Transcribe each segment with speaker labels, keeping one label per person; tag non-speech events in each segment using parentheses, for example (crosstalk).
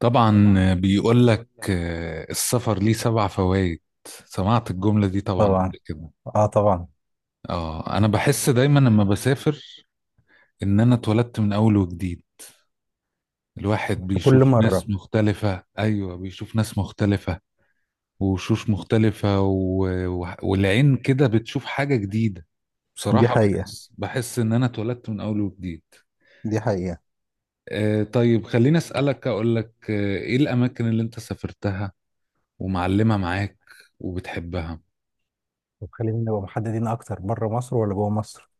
Speaker 1: طبعا بيقول لك السفر ليه سبع فوائد. سمعت الجملة دي طبعا
Speaker 2: طبعا.
Speaker 1: قبل كده.
Speaker 2: اه طبعا.
Speaker 1: اه، انا بحس دايما لما بسافر ان انا اتولدت من اول وجديد. الواحد
Speaker 2: في
Speaker 1: بيشوف
Speaker 2: كل مرة.
Speaker 1: ناس مختلفة، ايوه، بيشوف ناس مختلفة، وشوش مختلفة والعين كده بتشوف حاجة جديدة.
Speaker 2: دي
Speaker 1: بصراحة
Speaker 2: حقيقة.
Speaker 1: بحس ان انا اتولدت من اول وجديد.
Speaker 2: دي حقيقة.
Speaker 1: آه طيب، خليني اسألك اقول لك، ايه الاماكن اللي انت سافرتها ومعلمة معاك وبتحبها؟
Speaker 2: طب خلينا نبقى محددين اكتر، بره مصر ولا جوه مصر؟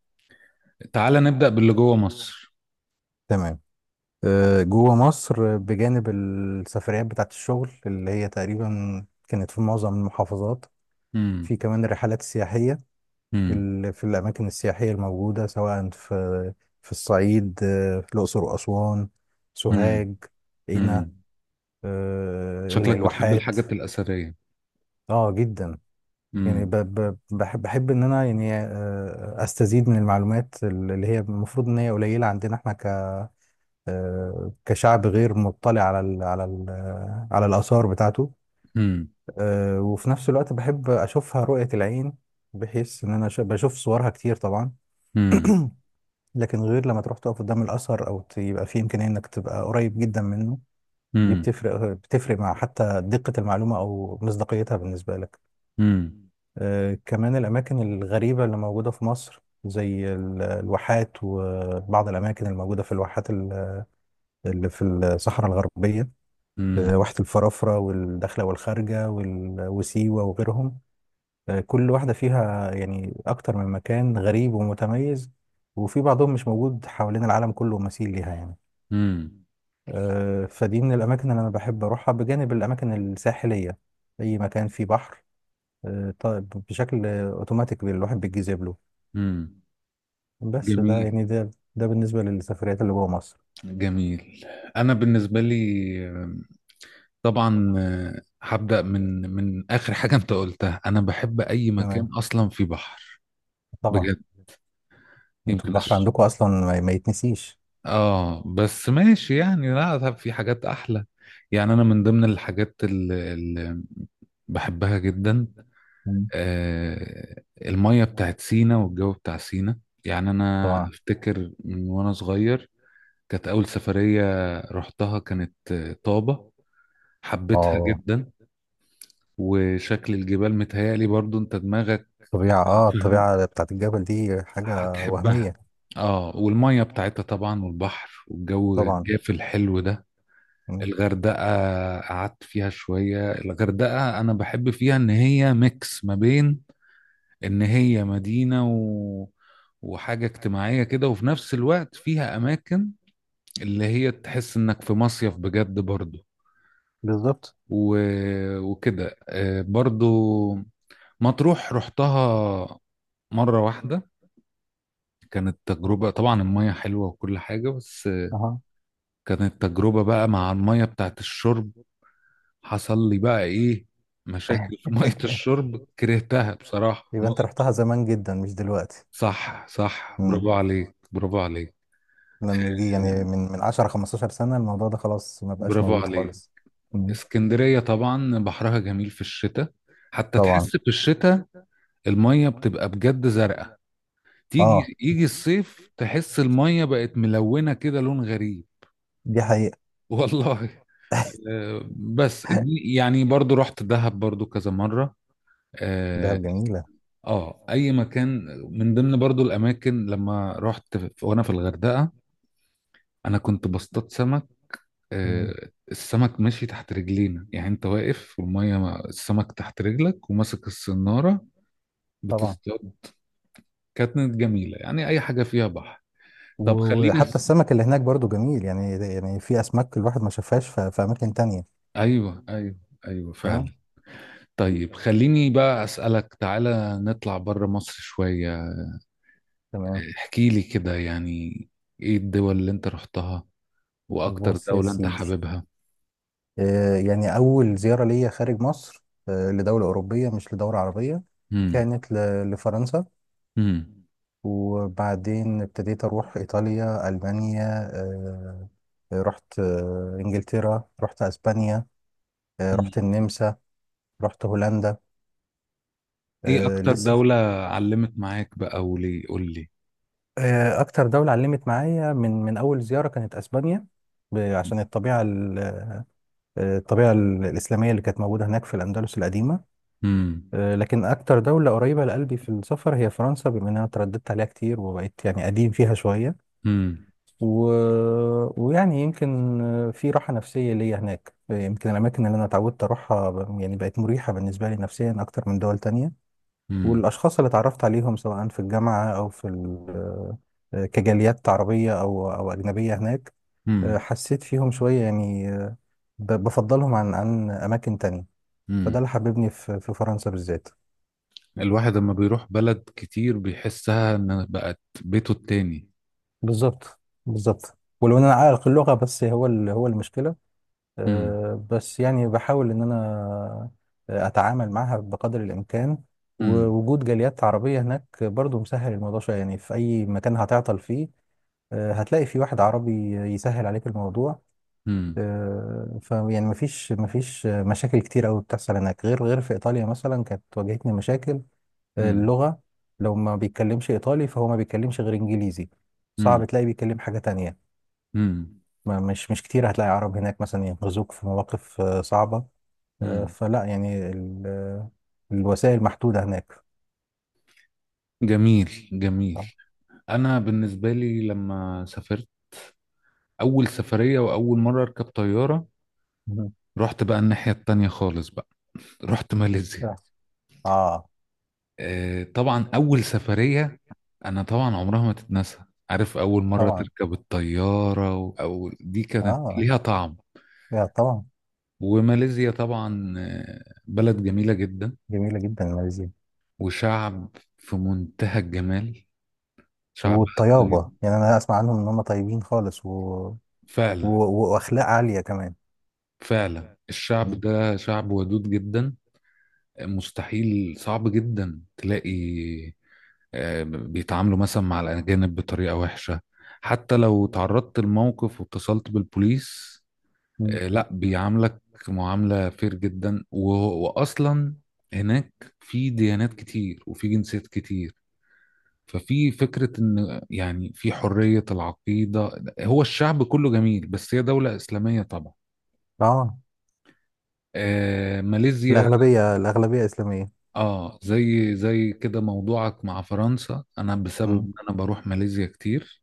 Speaker 1: تعالى نبدأ باللي جوه مصر.
Speaker 2: تمام. جوه مصر، بجانب السفريات بتاعت الشغل اللي هي تقريبا كانت في معظم المحافظات، في
Speaker 1: امم.
Speaker 2: كمان الرحلات السياحية.
Speaker 1: امم.
Speaker 2: في الأماكن السياحية الموجودة، سواء في الصعيد، في الأقصر وأسوان، سوهاج،
Speaker 1: امم.
Speaker 2: قنا،
Speaker 1: امم. شكلك بتحب
Speaker 2: الواحات.
Speaker 1: الحاجات الأثرية؟
Speaker 2: اه جدا. يعني
Speaker 1: امم.
Speaker 2: بحب ان انا، يعني، استزيد من المعلومات اللي هي المفروض ان هي قليله عندنا، احنا ك كشعب غير مطلع على ال على ال على الاثار بتاعته.
Speaker 1: امم.
Speaker 2: وفي نفس الوقت بحب اشوفها رؤيه العين، بحيث ان انا بشوف صورها كتير طبعا.
Speaker 1: امم.
Speaker 2: (clears throat) لكن غير لما تروح تقف قدام الاثر او يبقى في امكانيه انك تبقى قريب جدا منه. دي
Speaker 1: امم.
Speaker 2: بتفرق مع حتى دقه المعلومه او مصداقيتها بالنسبه لك.
Speaker 1: امم.
Speaker 2: كمان الأماكن الغريبة اللي موجودة في مصر، زي الواحات وبعض الأماكن الموجودة في الواحات اللي في الصحراء الغربية.
Speaker 1: امم.
Speaker 2: واحة الفرافرة والداخلة والخارجة وسيوة وغيرهم. كل واحدة فيها يعني أكتر من مكان غريب ومتميز، وفي بعضهم مش موجود حوالين العالم كله مثيل ليها، يعني.
Speaker 1: امم.
Speaker 2: فدي من الأماكن اللي أنا بحب أروحها، بجانب الأماكن الساحلية. أي مكان فيه بحر، طيب، بشكل اوتوماتيك الواحد بيتجذب له.
Speaker 1: امم.
Speaker 2: بس ده
Speaker 1: جميل.
Speaker 2: يعني ده ده بالنسبة للسفريات اللي جوه مصر.
Speaker 1: جميل. أنا بالنسبة لي، آه، طبعا، هبدأ من آخر حاجة أنت قلتها. أنا بحب أي مكان
Speaker 2: تمام.
Speaker 1: أصلا فيه بحر،
Speaker 2: طبعا.
Speaker 1: بجد.
Speaker 2: انتوا
Speaker 1: يمكن
Speaker 2: البحر
Speaker 1: أش...
Speaker 2: عندكم اصلا، ما يتنسيش.
Speaker 1: آه، بس ماشي يعني، لا، طب في حاجات أحلى. يعني انا من ضمن الحاجات بحبها جدا،
Speaker 2: مم.
Speaker 1: المية بتاعت سينا والجو بتاع سينا. يعني أنا
Speaker 2: طبعا.
Speaker 1: أفتكر من وأنا صغير، كانت أول سفرية رحتها كانت، طابة. حبيتها
Speaker 2: اه
Speaker 1: جدا. وشكل الجبال متهيألي برضو أنت دماغك
Speaker 2: الطبيعة،
Speaker 1: يعني فاهم،
Speaker 2: الطبيعة بتاعت الجبل دي حاجة
Speaker 1: هتحبها.
Speaker 2: وهمية.
Speaker 1: اه، والمية بتاعتها طبعا، والبحر والجو
Speaker 2: طبعا.
Speaker 1: الجاف الحلو ده.
Speaker 2: مم.
Speaker 1: الغردقة قعدت فيها شوية. الغردقة أنا بحب فيها إن هي ميكس ما بين ان هي مدينة وحاجة اجتماعية كده، وفي نفس الوقت فيها اماكن اللي هي تحس انك في مصيف بجد برضو،
Speaker 2: بالظبط.
Speaker 1: و... وكده، برضو مطروح رحتها مرة واحدة. كانت تجربة، طبعا المية حلوة وكل حاجة، بس
Speaker 2: اها.
Speaker 1: كانت تجربة بقى مع المية بتاعت الشرب. حصل لي بقى ايه، مشاكل في مية
Speaker 2: (laughs)
Speaker 1: الشرب. كرهتها بصراحة
Speaker 2: يبقى انت رحتها زمان جدا، مش دلوقتي.
Speaker 1: صح، صح،
Speaker 2: مم.
Speaker 1: برافو عليك، برافو عليك،
Speaker 2: لان دي يعني من 10 15 سنة، الموضوع ده خلاص ما بقاش
Speaker 1: برافو
Speaker 2: موجود
Speaker 1: عليك.
Speaker 2: خالص. مم.
Speaker 1: اسكندرية طبعا بحرها جميل في الشتاء، حتى تحس
Speaker 2: طبعا.
Speaker 1: في الشتاء المية بتبقى بجد زرقاء.
Speaker 2: اه
Speaker 1: تيجي يجي الصيف تحس المية بقت ملونة كده، لون غريب.
Speaker 2: دي حقيقة.
Speaker 1: (laughs) والله. بس دي يعني برضو رحت دهب برضو كذا مرة.
Speaker 2: دهب
Speaker 1: اه.
Speaker 2: جميلة.
Speaker 1: اي مكان من ضمن برضو الاماكن، لما رحت وانا في الغردقة، انا كنت بصطاد سمك.
Speaker 2: تمام.
Speaker 1: السمك ماشي تحت رجلينا، يعني انت واقف والمية السمك تحت رجلك وماسك الصنارة،
Speaker 2: طبعا.
Speaker 1: بتصطاد. كانت جميلة، يعني أي حاجة فيها بحر. طب خليني
Speaker 2: وحتى
Speaker 1: أس...
Speaker 2: السمك اللي هناك برضو جميل، يعني في اسماك الواحد ما شافهاش في اماكن تانية.
Speaker 1: أيوه، أيوه، أيوه،
Speaker 2: تمام.
Speaker 1: فعلا. طيب، خليني بقى أسألك، تعالى نطلع بره مصر شوية.
Speaker 2: تمام.
Speaker 1: احكي لي كده يعني، إيه الدول اللي أنت رحتها، وأكتر
Speaker 2: بص يا
Speaker 1: دولة أنت
Speaker 2: سيدي،
Speaker 1: حاببها؟
Speaker 2: يعني اول زيارة ليا خارج مصر، لدولة اوروبية مش لدولة عربية،
Speaker 1: امم.
Speaker 2: كانت لفرنسا،
Speaker 1: امم.
Speaker 2: وبعدين ابتديت اروح ايطاليا، المانيا، آه رحت انجلترا، رحت اسبانيا، رحت
Speaker 1: أمم.
Speaker 2: النمسا، رحت هولندا.
Speaker 1: إيه أكتر
Speaker 2: لسه
Speaker 1: دولة علمت معاك بقى وليه؟ قول لي.
Speaker 2: أكتر دولة علمت معايا من أول زيارة كانت أسبانيا، عشان الطبيعة الإسلامية اللي كانت موجودة هناك في الأندلس القديمة.
Speaker 1: امم.
Speaker 2: لكن أكتر دولة قريبة لقلبي في السفر هي فرنسا، بما إن أنا ترددت عليها كتير وبقيت يعني قديم فيها شوية،
Speaker 1: امم.
Speaker 2: و... ويعني يمكن، في راحة نفسية ليا هناك، يمكن الأماكن اللي أنا اتعودت أروحها يعني بقت مريحة بالنسبة لي نفسيا أكتر من دول تانية،
Speaker 1: امم.
Speaker 2: والأشخاص اللي اتعرفت عليهم سواء في الجامعة أو في ال- آه، كجاليات عربية أو أجنبية هناك.
Speaker 1: امم.
Speaker 2: حسيت فيهم شوية، يعني، بفضلهم عن أماكن تانية. فده
Speaker 1: امم.
Speaker 2: اللي حببني في فرنسا بالذات.
Speaker 1: الواحد لما بيروح بلد كتير بيحسها إن بقت بيته التاني.
Speaker 2: بالظبط. بالظبط، ولو إن أنا عائق اللغة بس هو، هو المشكلة.
Speaker 1: مم.
Speaker 2: بس يعني بحاول إن أنا أتعامل معها بقدر الإمكان.
Speaker 1: مم.
Speaker 2: ووجود جاليات عربية هناك برضو مسهل الموضوع شوية، يعني في أي مكان هتعطل فيه هتلاقي في واحد عربي يسهل عليك الموضوع.
Speaker 1: مم.
Speaker 2: فيعني مفيش مشاكل كتير قوي بتحصل هناك، غير في ايطاليا مثلا كانت واجهتني مشاكل.
Speaker 1: مم.
Speaker 2: اللغه، لو ما بيتكلمش ايطالي فهو ما بيتكلمش غير انجليزي،
Speaker 1: مم.
Speaker 2: صعب تلاقي بيتكلم حاجه تانية.
Speaker 1: مم.
Speaker 2: ما مش كتير هتلاقي عرب هناك مثلا ينقذوك في مواقف صعبه. آه،
Speaker 1: مم.
Speaker 2: فلا يعني ال- آه، الوسائل محدوده هناك.
Speaker 1: جميل. جميل.
Speaker 2: اه.
Speaker 1: انا بالنسبه لي لما سافرت اول سفريه واول مره اركب طياره،
Speaker 2: مهم.
Speaker 1: رحت بقى الناحيه التانية خالص بقى، رحت ماليزيا.
Speaker 2: آه،
Speaker 1: طبعا اول سفريه انا طبعا عمرها ما تتنسى. عارف اول مره
Speaker 2: طبعا.
Speaker 1: تركب الطياره او دي كانت
Speaker 2: اه
Speaker 1: ليها طعم.
Speaker 2: يا طبعا.
Speaker 1: وماليزيا طبعا، بلد جميله جدا،
Speaker 2: جميله جدا ماليزيا.
Speaker 1: وشعب في منتهى الجمال. شعب
Speaker 2: والطيابة،
Speaker 1: طيب،
Speaker 2: يعني أنا أسمع عنهم إن هم طيبين خالص، و... و...
Speaker 1: فعلا.
Speaker 2: وأخلاق عالية كمان.
Speaker 1: فعلا الشعب
Speaker 2: مم.
Speaker 1: ده شعب ودود جدا، مستحيل، صعب جدا تلاقي، بيتعاملوا مثلا مع الأجانب بطريقة وحشة. حتى لو تعرضت لموقف واتصلت بالبوليس،
Speaker 2: مم.
Speaker 1: لا بيعاملك معاملة فير جدا. وأصلا هناك في ديانات كتير وفي جنسيات كتير، ففي فكرة إن يعني في حرية العقيدة. هو الشعب كله جميل بس هي دولة إسلامية طبعا.
Speaker 2: آه
Speaker 1: آه، ماليزيا.
Speaker 2: الأغلبية إسلامية.
Speaker 1: اه، زي زي كده موضوعك مع فرنسا، انا بسبب
Speaker 2: مم.
Speaker 1: ان انا بروح ماليزيا كتير،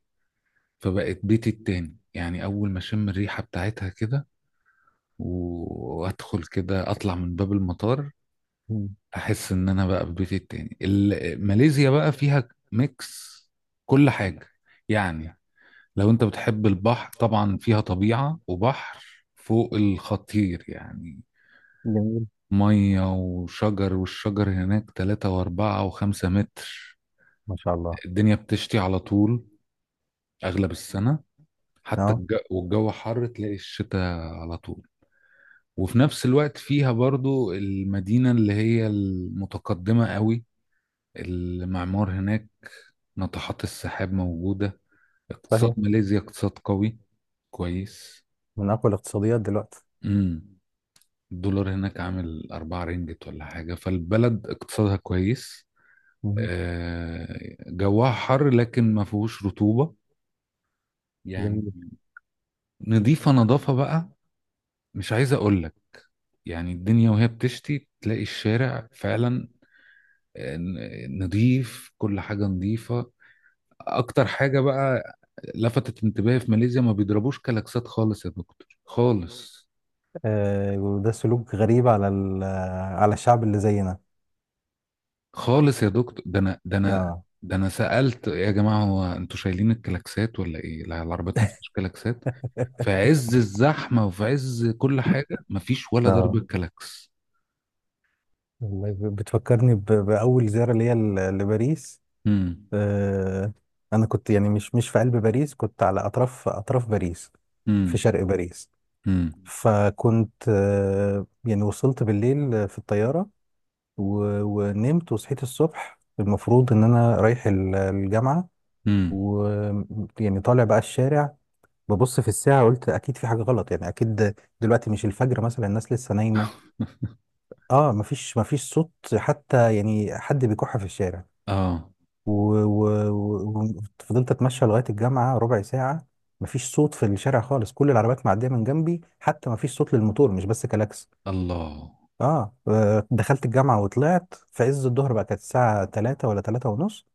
Speaker 1: فبقت بيتي التاني. يعني اول ما اشم الريحة بتاعتها كده وادخل كده اطلع من باب المطار،
Speaker 2: مم.
Speaker 1: احس ان انا بقى في بيتي التاني. ماليزيا بقى فيها ميكس كل حاجة يعني. لو انت بتحب البحر، طبعا فيها طبيعة وبحر فوق الخطير يعني،
Speaker 2: جميل.
Speaker 1: مية وشجر. والشجر هناك تلاتة وأربعة وخمسة متر.
Speaker 2: ما شاء الله.
Speaker 1: الدنيا بتشتي على طول، أغلب السنة. حتى
Speaker 2: آه
Speaker 1: الجو، والجو حر، تلاقي الشتاء على طول. وفي نفس الوقت فيها برضو المدينة اللي هي المتقدمة قوي، المعمار هناك، ناطحات السحاب موجودة. اقتصاد
Speaker 2: صحيح.
Speaker 1: ماليزيا اقتصاد قوي، كويس.
Speaker 2: من أقوى الاقتصاديات دلوقتي.
Speaker 1: امم. الدولار هناك عامل أربعة رينجت ولا حاجة، فالبلد اقتصادها كويس.
Speaker 2: مم.
Speaker 1: آه، جواها حر لكن ما فيهوش رطوبة يعني.
Speaker 2: جميل.
Speaker 1: نضيفة، نظافة بقى مش عايز اقول لك. يعني الدنيا وهي بتشتي تلاقي الشارع فعلا، نضيف، كل حاجة نضيفة. اكتر حاجة بقى لفتت انتباهي في ماليزيا، ما بيضربوش كلاكسات خالص يا دكتور، خالص،
Speaker 2: وده سلوك غريب على على الشعب اللي زينا.
Speaker 1: خالص يا دكتور. ده انا ده انا
Speaker 2: آه.
Speaker 1: ده انا سألت يا جماعة، هو انتوا شايلين الكلاكسات ولا ايه؟ لا، العربيات ما فيهاش كلاكسات. في عز الزحمة وفي عز كل حاجة مفيش ولا ضربة
Speaker 2: اه،
Speaker 1: كلاكس.
Speaker 2: والله بتفكرني بأول زيارة ليا لباريس.
Speaker 1: امم.
Speaker 2: آه، انا كنت يعني مش في قلب باريس، كنت على اطراف باريس، في
Speaker 1: امم.
Speaker 2: شرق باريس.
Speaker 1: امم.
Speaker 2: فكنت، يعني وصلت بالليل في الطياره، ونمت، وصحيت الصبح، المفروض ان انا رايح الجامعه،
Speaker 1: امم.
Speaker 2: ويعني طالع بقى الشارع، ببص في الساعه قلت اكيد في حاجه غلط، يعني اكيد دلوقتي مش الفجر مثلا، الناس لسه نايمه. اه، مفيش صوت حتى يعني حد بيكح في الشارع.
Speaker 1: اه.
Speaker 2: وفضلت اتمشى لغايه الجامعه ربع ساعه، مفيش صوت في الشارع خالص، كل العربيات معديه من جنبي، حتى مفيش صوت للموتور، مش بس كلاكس.
Speaker 1: الله.
Speaker 2: اه، دخلت الجامعه وطلعت في عز الظهر، بقى كانت الساعه 3 ولا 3 ونص،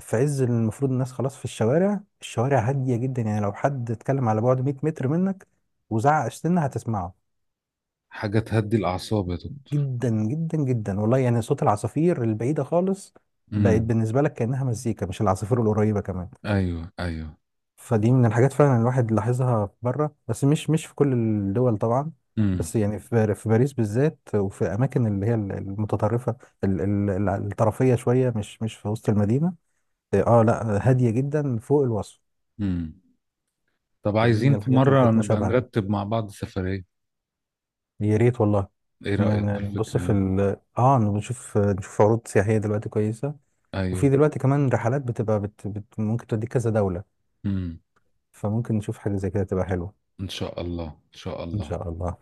Speaker 2: في عز المفروض الناس خلاص في الشوارع، الشوارع هاديه جدا، يعني لو حد اتكلم على بعد 100 متر منك وزعق سنه هتسمعه.
Speaker 1: حاجة تهدي الأعصاب يا دكتور.
Speaker 2: جدا جدا جدا والله، يعني صوت العصافير البعيده خالص بقت
Speaker 1: امم.
Speaker 2: بالنسبه لك كانها مزيكا، مش العصافير القريبه كمان.
Speaker 1: ايوه، ايوه.
Speaker 2: فدي من الحاجات فعلا الواحد لاحظها بره، بس مش في كل الدول طبعا،
Speaker 1: امم.
Speaker 2: بس يعني في باريس بالذات، وفي اماكن اللي هي المتطرفه، الطرفيه شويه، مش في وسط المدينه. اه، لا هاديه جدا فوق الوصف.
Speaker 1: امم. طب
Speaker 2: دي من
Speaker 1: عايزين في
Speaker 2: الحاجات اللي
Speaker 1: مرة
Speaker 2: كانت
Speaker 1: نبقى
Speaker 2: مشابهه.
Speaker 1: نرتب مع بعض سفرية.
Speaker 2: يا ريت والله.
Speaker 1: ايه
Speaker 2: ن-
Speaker 1: رأيك في
Speaker 2: نبص
Speaker 1: الفكرة
Speaker 2: في
Speaker 1: دي؟
Speaker 2: ال اه نشوف نشوف عروض سياحيه دلوقتي كويسه. وفي
Speaker 1: ايوه.
Speaker 2: دلوقتي كمان رحلات ممكن توديك كذا دوله،
Speaker 1: امم.
Speaker 2: فممكن نشوف حاجه زي كده تبقى حلوه.
Speaker 1: ان شاء الله، ان شاء
Speaker 2: ان
Speaker 1: الله.
Speaker 2: شاء الله.